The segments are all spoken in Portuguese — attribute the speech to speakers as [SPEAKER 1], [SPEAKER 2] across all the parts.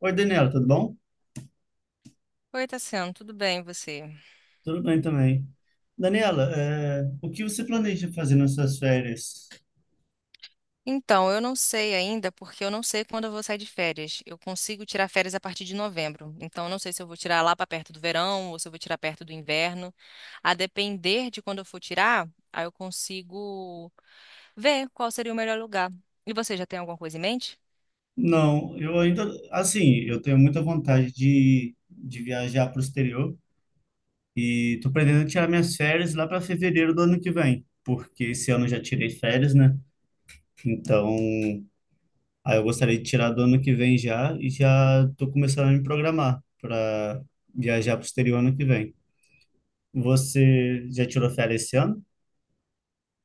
[SPEAKER 1] Oi, Daniela, tudo bom?
[SPEAKER 2] Oi, Tassiano, tudo bem e você?
[SPEAKER 1] Tudo bem também. Daniela, o que você planeja fazer nas suas férias?
[SPEAKER 2] Então, eu não sei ainda, porque eu não sei quando eu vou sair de férias. Eu consigo tirar férias a partir de novembro. Então, eu não sei se eu vou tirar lá para perto do verão ou se eu vou tirar perto do inverno. A depender de quando eu for tirar, aí eu consigo ver qual seria o melhor lugar. E você já tem alguma coisa em mente?
[SPEAKER 1] Não, eu ainda, assim, eu tenho muita vontade de viajar para o exterior e tô pretendendo tirar minhas férias lá para fevereiro do ano que vem, porque esse ano eu já tirei férias, né? Então, aí eu gostaria de tirar do ano que vem já e já tô começando a me programar para viajar para o exterior ano que vem. Você já tirou férias esse ano?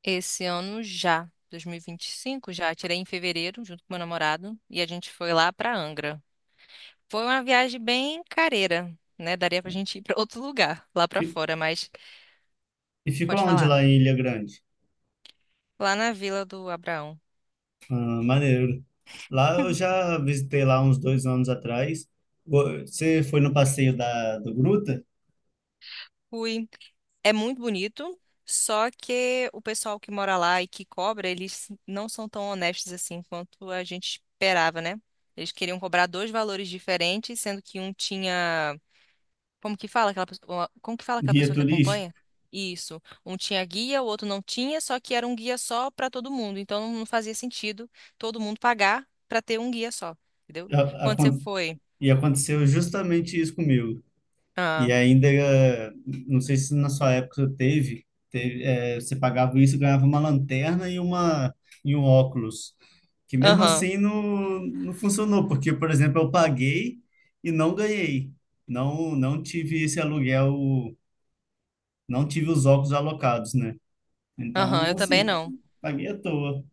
[SPEAKER 2] Esse ano já, 2025, já tirei em fevereiro junto com meu namorado e a gente foi lá para Angra. Foi uma viagem bem careira, né? Daria pra gente ir para outro lugar lá para
[SPEAKER 1] Fi-
[SPEAKER 2] fora, mas.
[SPEAKER 1] E ficou
[SPEAKER 2] Pode
[SPEAKER 1] onde
[SPEAKER 2] falar.
[SPEAKER 1] lá em Ilha Grande?
[SPEAKER 2] Lá na Vila do Abraão.
[SPEAKER 1] Ah, maneiro. Lá eu já visitei lá uns 2 anos atrás. Você foi no passeio da do Gruta,
[SPEAKER 2] Fui. É muito bonito, só que o pessoal que mora lá e que cobra, eles não são tão honestos assim quanto a gente esperava, né? Eles queriam cobrar dois valores diferentes, sendo que um tinha. Como que fala aquela pessoa? Como que fala aquela
[SPEAKER 1] guia
[SPEAKER 2] pessoa que
[SPEAKER 1] turístico?
[SPEAKER 2] acompanha? Isso. Um tinha guia, o outro não tinha, só que era um guia só para todo mundo. Então não fazia sentido todo mundo pagar para ter um guia só, entendeu?
[SPEAKER 1] A-
[SPEAKER 2] Quando você
[SPEAKER 1] acon-
[SPEAKER 2] foi.
[SPEAKER 1] E aconteceu justamente isso comigo. E
[SPEAKER 2] Ah,
[SPEAKER 1] ainda, não sei se na sua época teve, teve, você pagava isso e ganhava uma lanterna e uma e um óculos. Que mesmo
[SPEAKER 2] aham,
[SPEAKER 1] assim não funcionou, porque, por exemplo, eu paguei e não ganhei. Não, não tive esse aluguel, não tive os óculos alocados, né?
[SPEAKER 2] aham, eu
[SPEAKER 1] Então,
[SPEAKER 2] também
[SPEAKER 1] assim,
[SPEAKER 2] não.
[SPEAKER 1] paguei à toa.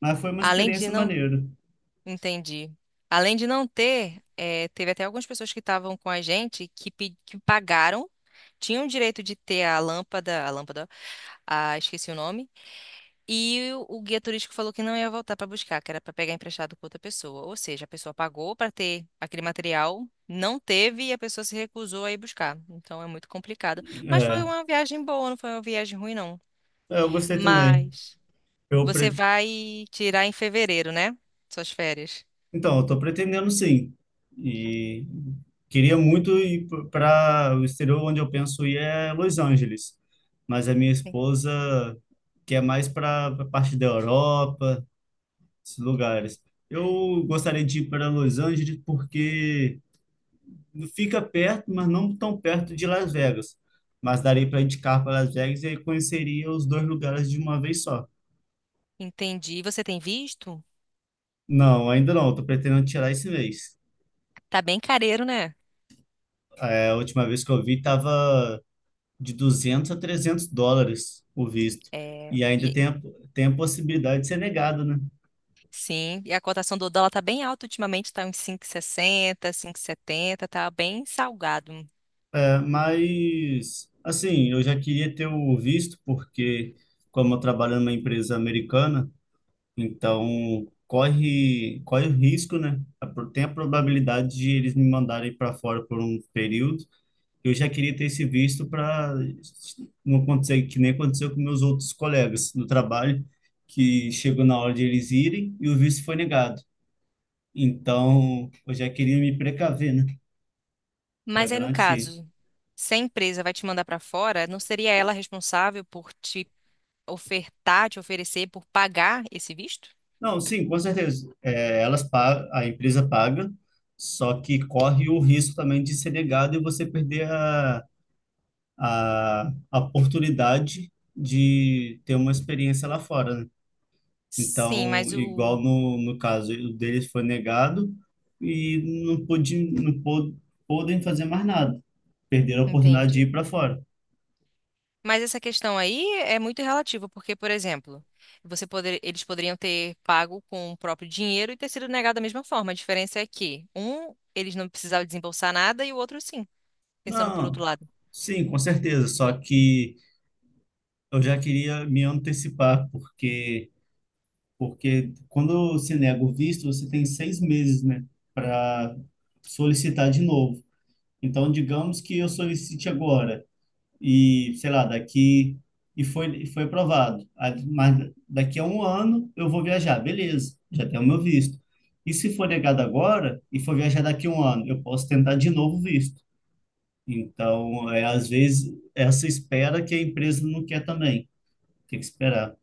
[SPEAKER 1] Mas foi uma
[SPEAKER 2] Além de
[SPEAKER 1] experiência
[SPEAKER 2] não.
[SPEAKER 1] maneira.
[SPEAKER 2] Entendi. Além de não ter, teve até algumas pessoas que estavam com a gente que, que pagaram, tinham o direito de ter a lâmpada, ah, esqueci o nome, e o guia turístico falou que não ia voltar para buscar, que era para pegar emprestado com outra pessoa. Ou seja, a pessoa pagou para ter aquele material, não teve e a pessoa se recusou a ir buscar. Então é muito complicado. Mas foi
[SPEAKER 1] É,
[SPEAKER 2] uma viagem boa, não foi uma viagem ruim, não.
[SPEAKER 1] eu gostei também.
[SPEAKER 2] Mas
[SPEAKER 1] Eu,
[SPEAKER 2] você
[SPEAKER 1] pre-
[SPEAKER 2] vai tirar em fevereiro, né? Suas férias.
[SPEAKER 1] Então, eu estou pretendendo sim. E queria muito ir para o exterior, onde eu penso ir é Los Angeles. Mas a minha esposa quer mais para a parte da Europa, esses lugares. Eu gostaria de ir para Los Angeles porque fica perto, mas não tão perto de Las Vegas. Mas daria para indicar para Las Vegas e aí conheceria os dois lugares de uma vez só.
[SPEAKER 2] Entendi. Você tem visto?
[SPEAKER 1] Não, ainda não. Estou pretendendo tirar esse mês.
[SPEAKER 2] Tá bem careiro, né?
[SPEAKER 1] É, a última vez que eu vi estava de US$ 200 a US$ 300 o visto.
[SPEAKER 2] É,
[SPEAKER 1] E ainda
[SPEAKER 2] e,
[SPEAKER 1] tem a possibilidade de ser negado, né?
[SPEAKER 2] sim, e a cotação do dólar tá bem alta ultimamente, tá uns 5,60, setenta. Tá bem salgado.
[SPEAKER 1] É. Mas, assim, eu já queria ter o visto, porque, como eu trabalho numa empresa americana, então corre o risco, né? Tem a probabilidade de eles me mandarem para fora por um período. Eu já queria ter esse visto para não acontecer que nem aconteceu com meus outros colegas no trabalho, que chegou na hora de eles irem e o visto foi negado. Então, eu já queria me precaver, né? Já
[SPEAKER 2] Mas aí no
[SPEAKER 1] garantir.
[SPEAKER 2] caso, se a empresa vai te mandar para fora, não seria ela responsável por te ofertar, te oferecer, por pagar esse visto?
[SPEAKER 1] Não, sim, com certeza. É, a empresa paga, só que corre o risco também de ser negado e você perder a oportunidade de ter uma experiência lá fora, né?
[SPEAKER 2] Sim,
[SPEAKER 1] Então,
[SPEAKER 2] mas o.
[SPEAKER 1] igual no caso, o deles foi negado e não pude, não pô- podem fazer mais nada. Perderam a oportunidade de ir
[SPEAKER 2] Entendi.
[SPEAKER 1] para fora.
[SPEAKER 2] Mas essa questão aí é muito relativa, porque, por exemplo, eles poderiam ter pago com o próprio dinheiro e ter sido negado da mesma forma. A diferença é que um, eles não precisavam desembolsar nada e o outro sim, pensando por
[SPEAKER 1] Não,
[SPEAKER 2] outro lado.
[SPEAKER 1] sim, com certeza. Só que eu já queria me antecipar, porque, porque quando se nega o visto, você tem 6 meses, né, para solicitar de novo. Então, digamos que eu solicite agora, e sei lá, daqui. E foi aprovado. Ah, mas daqui a 1 ano eu vou viajar, beleza, já tenho o meu visto. E se for negado agora e for viajar daqui a um ano, eu posso tentar de novo o visto. Então, é, às vezes, essa espera que a empresa não quer também, tem que esperar.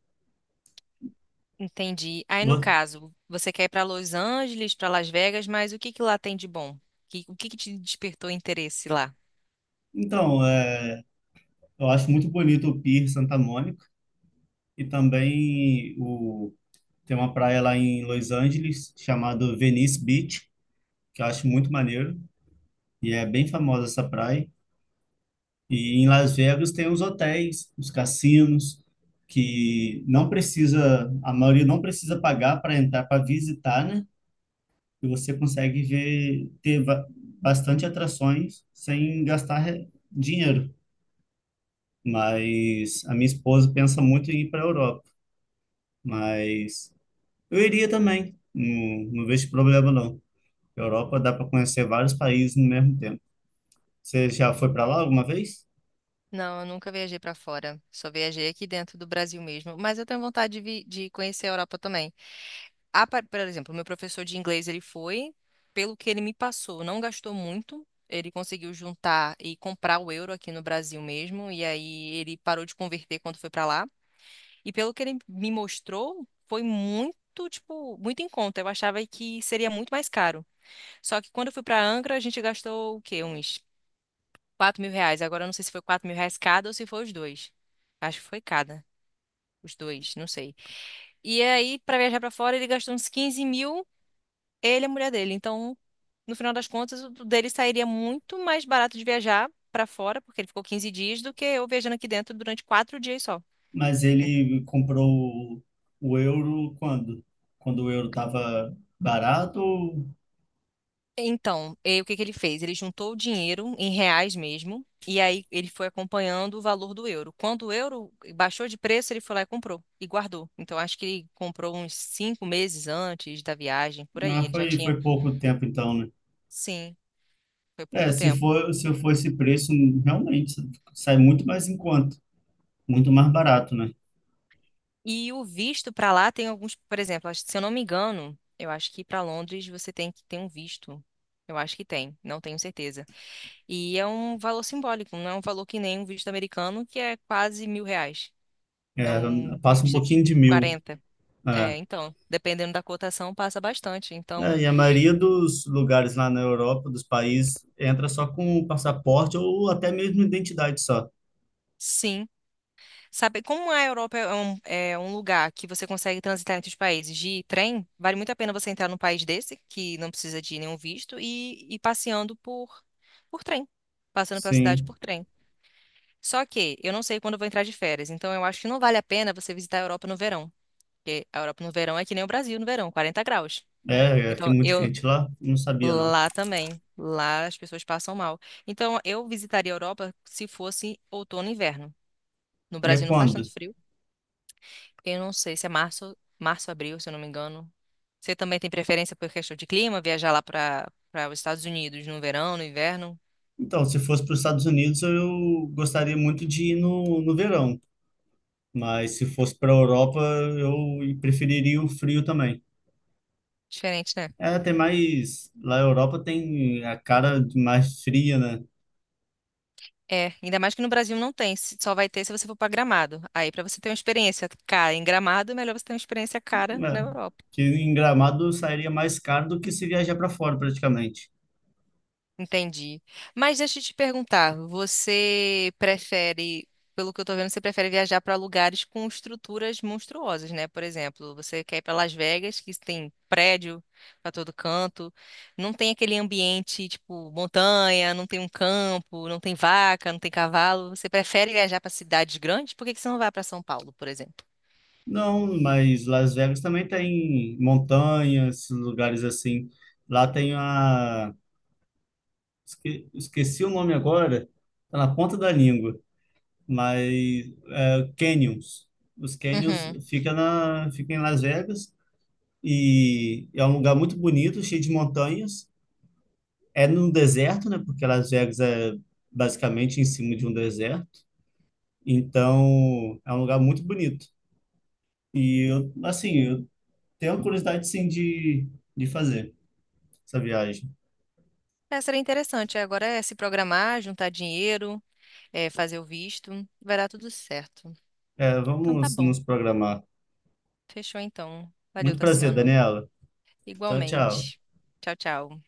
[SPEAKER 2] Entendi. Aí, no caso, você quer ir para Los Angeles, para Las Vegas, mas o que que lá tem de bom? O que que te despertou interesse lá?
[SPEAKER 1] Então, é, eu acho muito bonito o Pier Santa Mônica e também tem uma praia lá em Los Angeles chamada Venice Beach, que eu acho muito maneiro, e é bem famosa essa praia. E em Las Vegas tem os hotéis, os cassinos, que não precisa, a maioria não precisa pagar para entrar, para visitar, né? E você consegue bastante atrações sem gastar dinheiro. Mas a minha esposa pensa muito em ir para a Europa. Mas eu iria também. Não, não vejo problema, não. Europa dá para conhecer vários países no mesmo tempo. Você já foi para lá alguma vez?
[SPEAKER 2] Não, eu nunca viajei pra fora. Só viajei aqui dentro do Brasil mesmo. Mas eu tenho vontade de conhecer a Europa também. Ah, por exemplo, meu professor de inglês, ele foi, pelo que ele me passou, não gastou muito. Ele conseguiu juntar e comprar o euro aqui no Brasil mesmo. E aí ele parou de converter quando foi pra lá. E pelo que ele me mostrou, foi muito. Tipo, muito em conta. Eu achava que seria muito mais caro. Só que quando eu fui pra Angra, a gente gastou o quê? Uns 4.000 reais. Agora eu não sei se foi 4.000 reais cada ou se foi os dois. Acho que foi cada. Os dois, não sei. E aí, pra viajar pra fora, ele gastou uns 15 mil, ele e a mulher dele. Então, no final das contas, o dele sairia muito mais barato de viajar pra fora, porque ele ficou 15 dias, do que eu viajando aqui dentro durante 4 dias só.
[SPEAKER 1] Mas ele comprou o euro quando? Quando o euro estava barato?
[SPEAKER 2] Então, o que que ele fez? Ele juntou o dinheiro em reais mesmo, e aí ele foi acompanhando o valor do euro. Quando o euro baixou de preço, ele foi lá e comprou e guardou. Então, acho que ele comprou uns 5 meses antes da viagem, por aí.
[SPEAKER 1] Ah,
[SPEAKER 2] Ele já tinha.
[SPEAKER 1] foi pouco tempo então, né?
[SPEAKER 2] Sim, foi
[SPEAKER 1] É,
[SPEAKER 2] pouco tempo.
[SPEAKER 1] se for esse preço, realmente sai muito mais em conta, muito mais barato, né?
[SPEAKER 2] E o visto para lá tem alguns, por exemplo, se eu não me engano, eu acho que para Londres você tem que ter um visto. Eu acho que tem, não tenho certeza. E é um valor simbólico, não é um valor que nem um visto americano, que é quase mil reais. É
[SPEAKER 1] É,
[SPEAKER 2] um
[SPEAKER 1] passa um
[SPEAKER 2] visto de
[SPEAKER 1] pouquinho de 1.000.
[SPEAKER 2] 40.
[SPEAKER 1] É.
[SPEAKER 2] É, então, dependendo da cotação, passa bastante.
[SPEAKER 1] É,
[SPEAKER 2] Então,
[SPEAKER 1] e a maioria dos lugares lá na Europa, dos países, entra só com o passaporte ou até mesmo identidade só.
[SPEAKER 2] sim. Sabe, como a Europa é um lugar que você consegue transitar entre os países de trem, vale muito a pena você entrar num país desse, que não precisa de nenhum visto, e ir passeando por trem, passando pela cidade
[SPEAKER 1] Sim.
[SPEAKER 2] por trem. Só que eu não sei quando eu vou entrar de férias, então eu acho que não vale a pena você visitar a Europa no verão, porque a Europa no verão é que nem o Brasil no verão, 40 graus.
[SPEAKER 1] É, é que é
[SPEAKER 2] Então,
[SPEAKER 1] muito
[SPEAKER 2] eu.
[SPEAKER 1] quente lá, não sabia não.
[SPEAKER 2] Lá também. Lá as pessoas passam mal. Então, eu visitaria a Europa se fosse outono e inverno. No
[SPEAKER 1] E é
[SPEAKER 2] Brasil não faz
[SPEAKER 1] quando?
[SPEAKER 2] tanto frio. Eu não sei se é abril, se eu não me engano. Você também tem preferência por questão de clima, viajar lá para os Estados Unidos no verão, no inverno?
[SPEAKER 1] Então, se fosse para os Estados Unidos, eu gostaria muito de ir no verão. Mas se fosse para a Europa, eu preferiria o frio também.
[SPEAKER 2] Diferente, né?
[SPEAKER 1] É, tem mais. Lá na Europa tem a cara de mais fria, né?
[SPEAKER 2] É, ainda mais que no Brasil não tem, só vai ter se você for para Gramado. Aí, para você ter uma experiência cara em Gramado, é melhor você ter uma experiência cara na
[SPEAKER 1] É,
[SPEAKER 2] Europa.
[SPEAKER 1] que em Gramado sairia mais caro do que se viajar para fora, praticamente.
[SPEAKER 2] Entendi. Mas deixa eu te perguntar, você prefere, pelo que eu tô vendo, você prefere viajar para lugares com estruturas monstruosas, né? Por exemplo, você quer ir para Las Vegas, que tem prédio para todo canto, não tem aquele ambiente tipo montanha, não tem um campo, não tem vaca, não tem cavalo. Você prefere viajar para cidades grandes? Por que que você não vai para São Paulo, por exemplo?
[SPEAKER 1] Não, mas Las Vegas também tem montanhas, lugares assim. Lá tem a. Esqueci o nome agora, tá na ponta da língua, mas é, Canyons. Os Canyons
[SPEAKER 2] Uhum.
[SPEAKER 1] fica em Las Vegas e é um lugar muito bonito, cheio de montanhas. É num deserto, né? Porque Las Vegas é basicamente em cima de um deserto. Então, é um lugar muito bonito. E eu, assim, eu tenho curiosidade sim de fazer essa viagem.
[SPEAKER 2] É, seria interessante. Agora é se programar, juntar dinheiro, fazer o visto, vai dar tudo certo.
[SPEAKER 1] É,
[SPEAKER 2] Então tá
[SPEAKER 1] vamos
[SPEAKER 2] bom.
[SPEAKER 1] nos programar.
[SPEAKER 2] Fechou então. Valeu,
[SPEAKER 1] Muito prazer,
[SPEAKER 2] Tassiano.
[SPEAKER 1] Daniela. Tchau, tchau.
[SPEAKER 2] Igualmente. Tchau, tchau.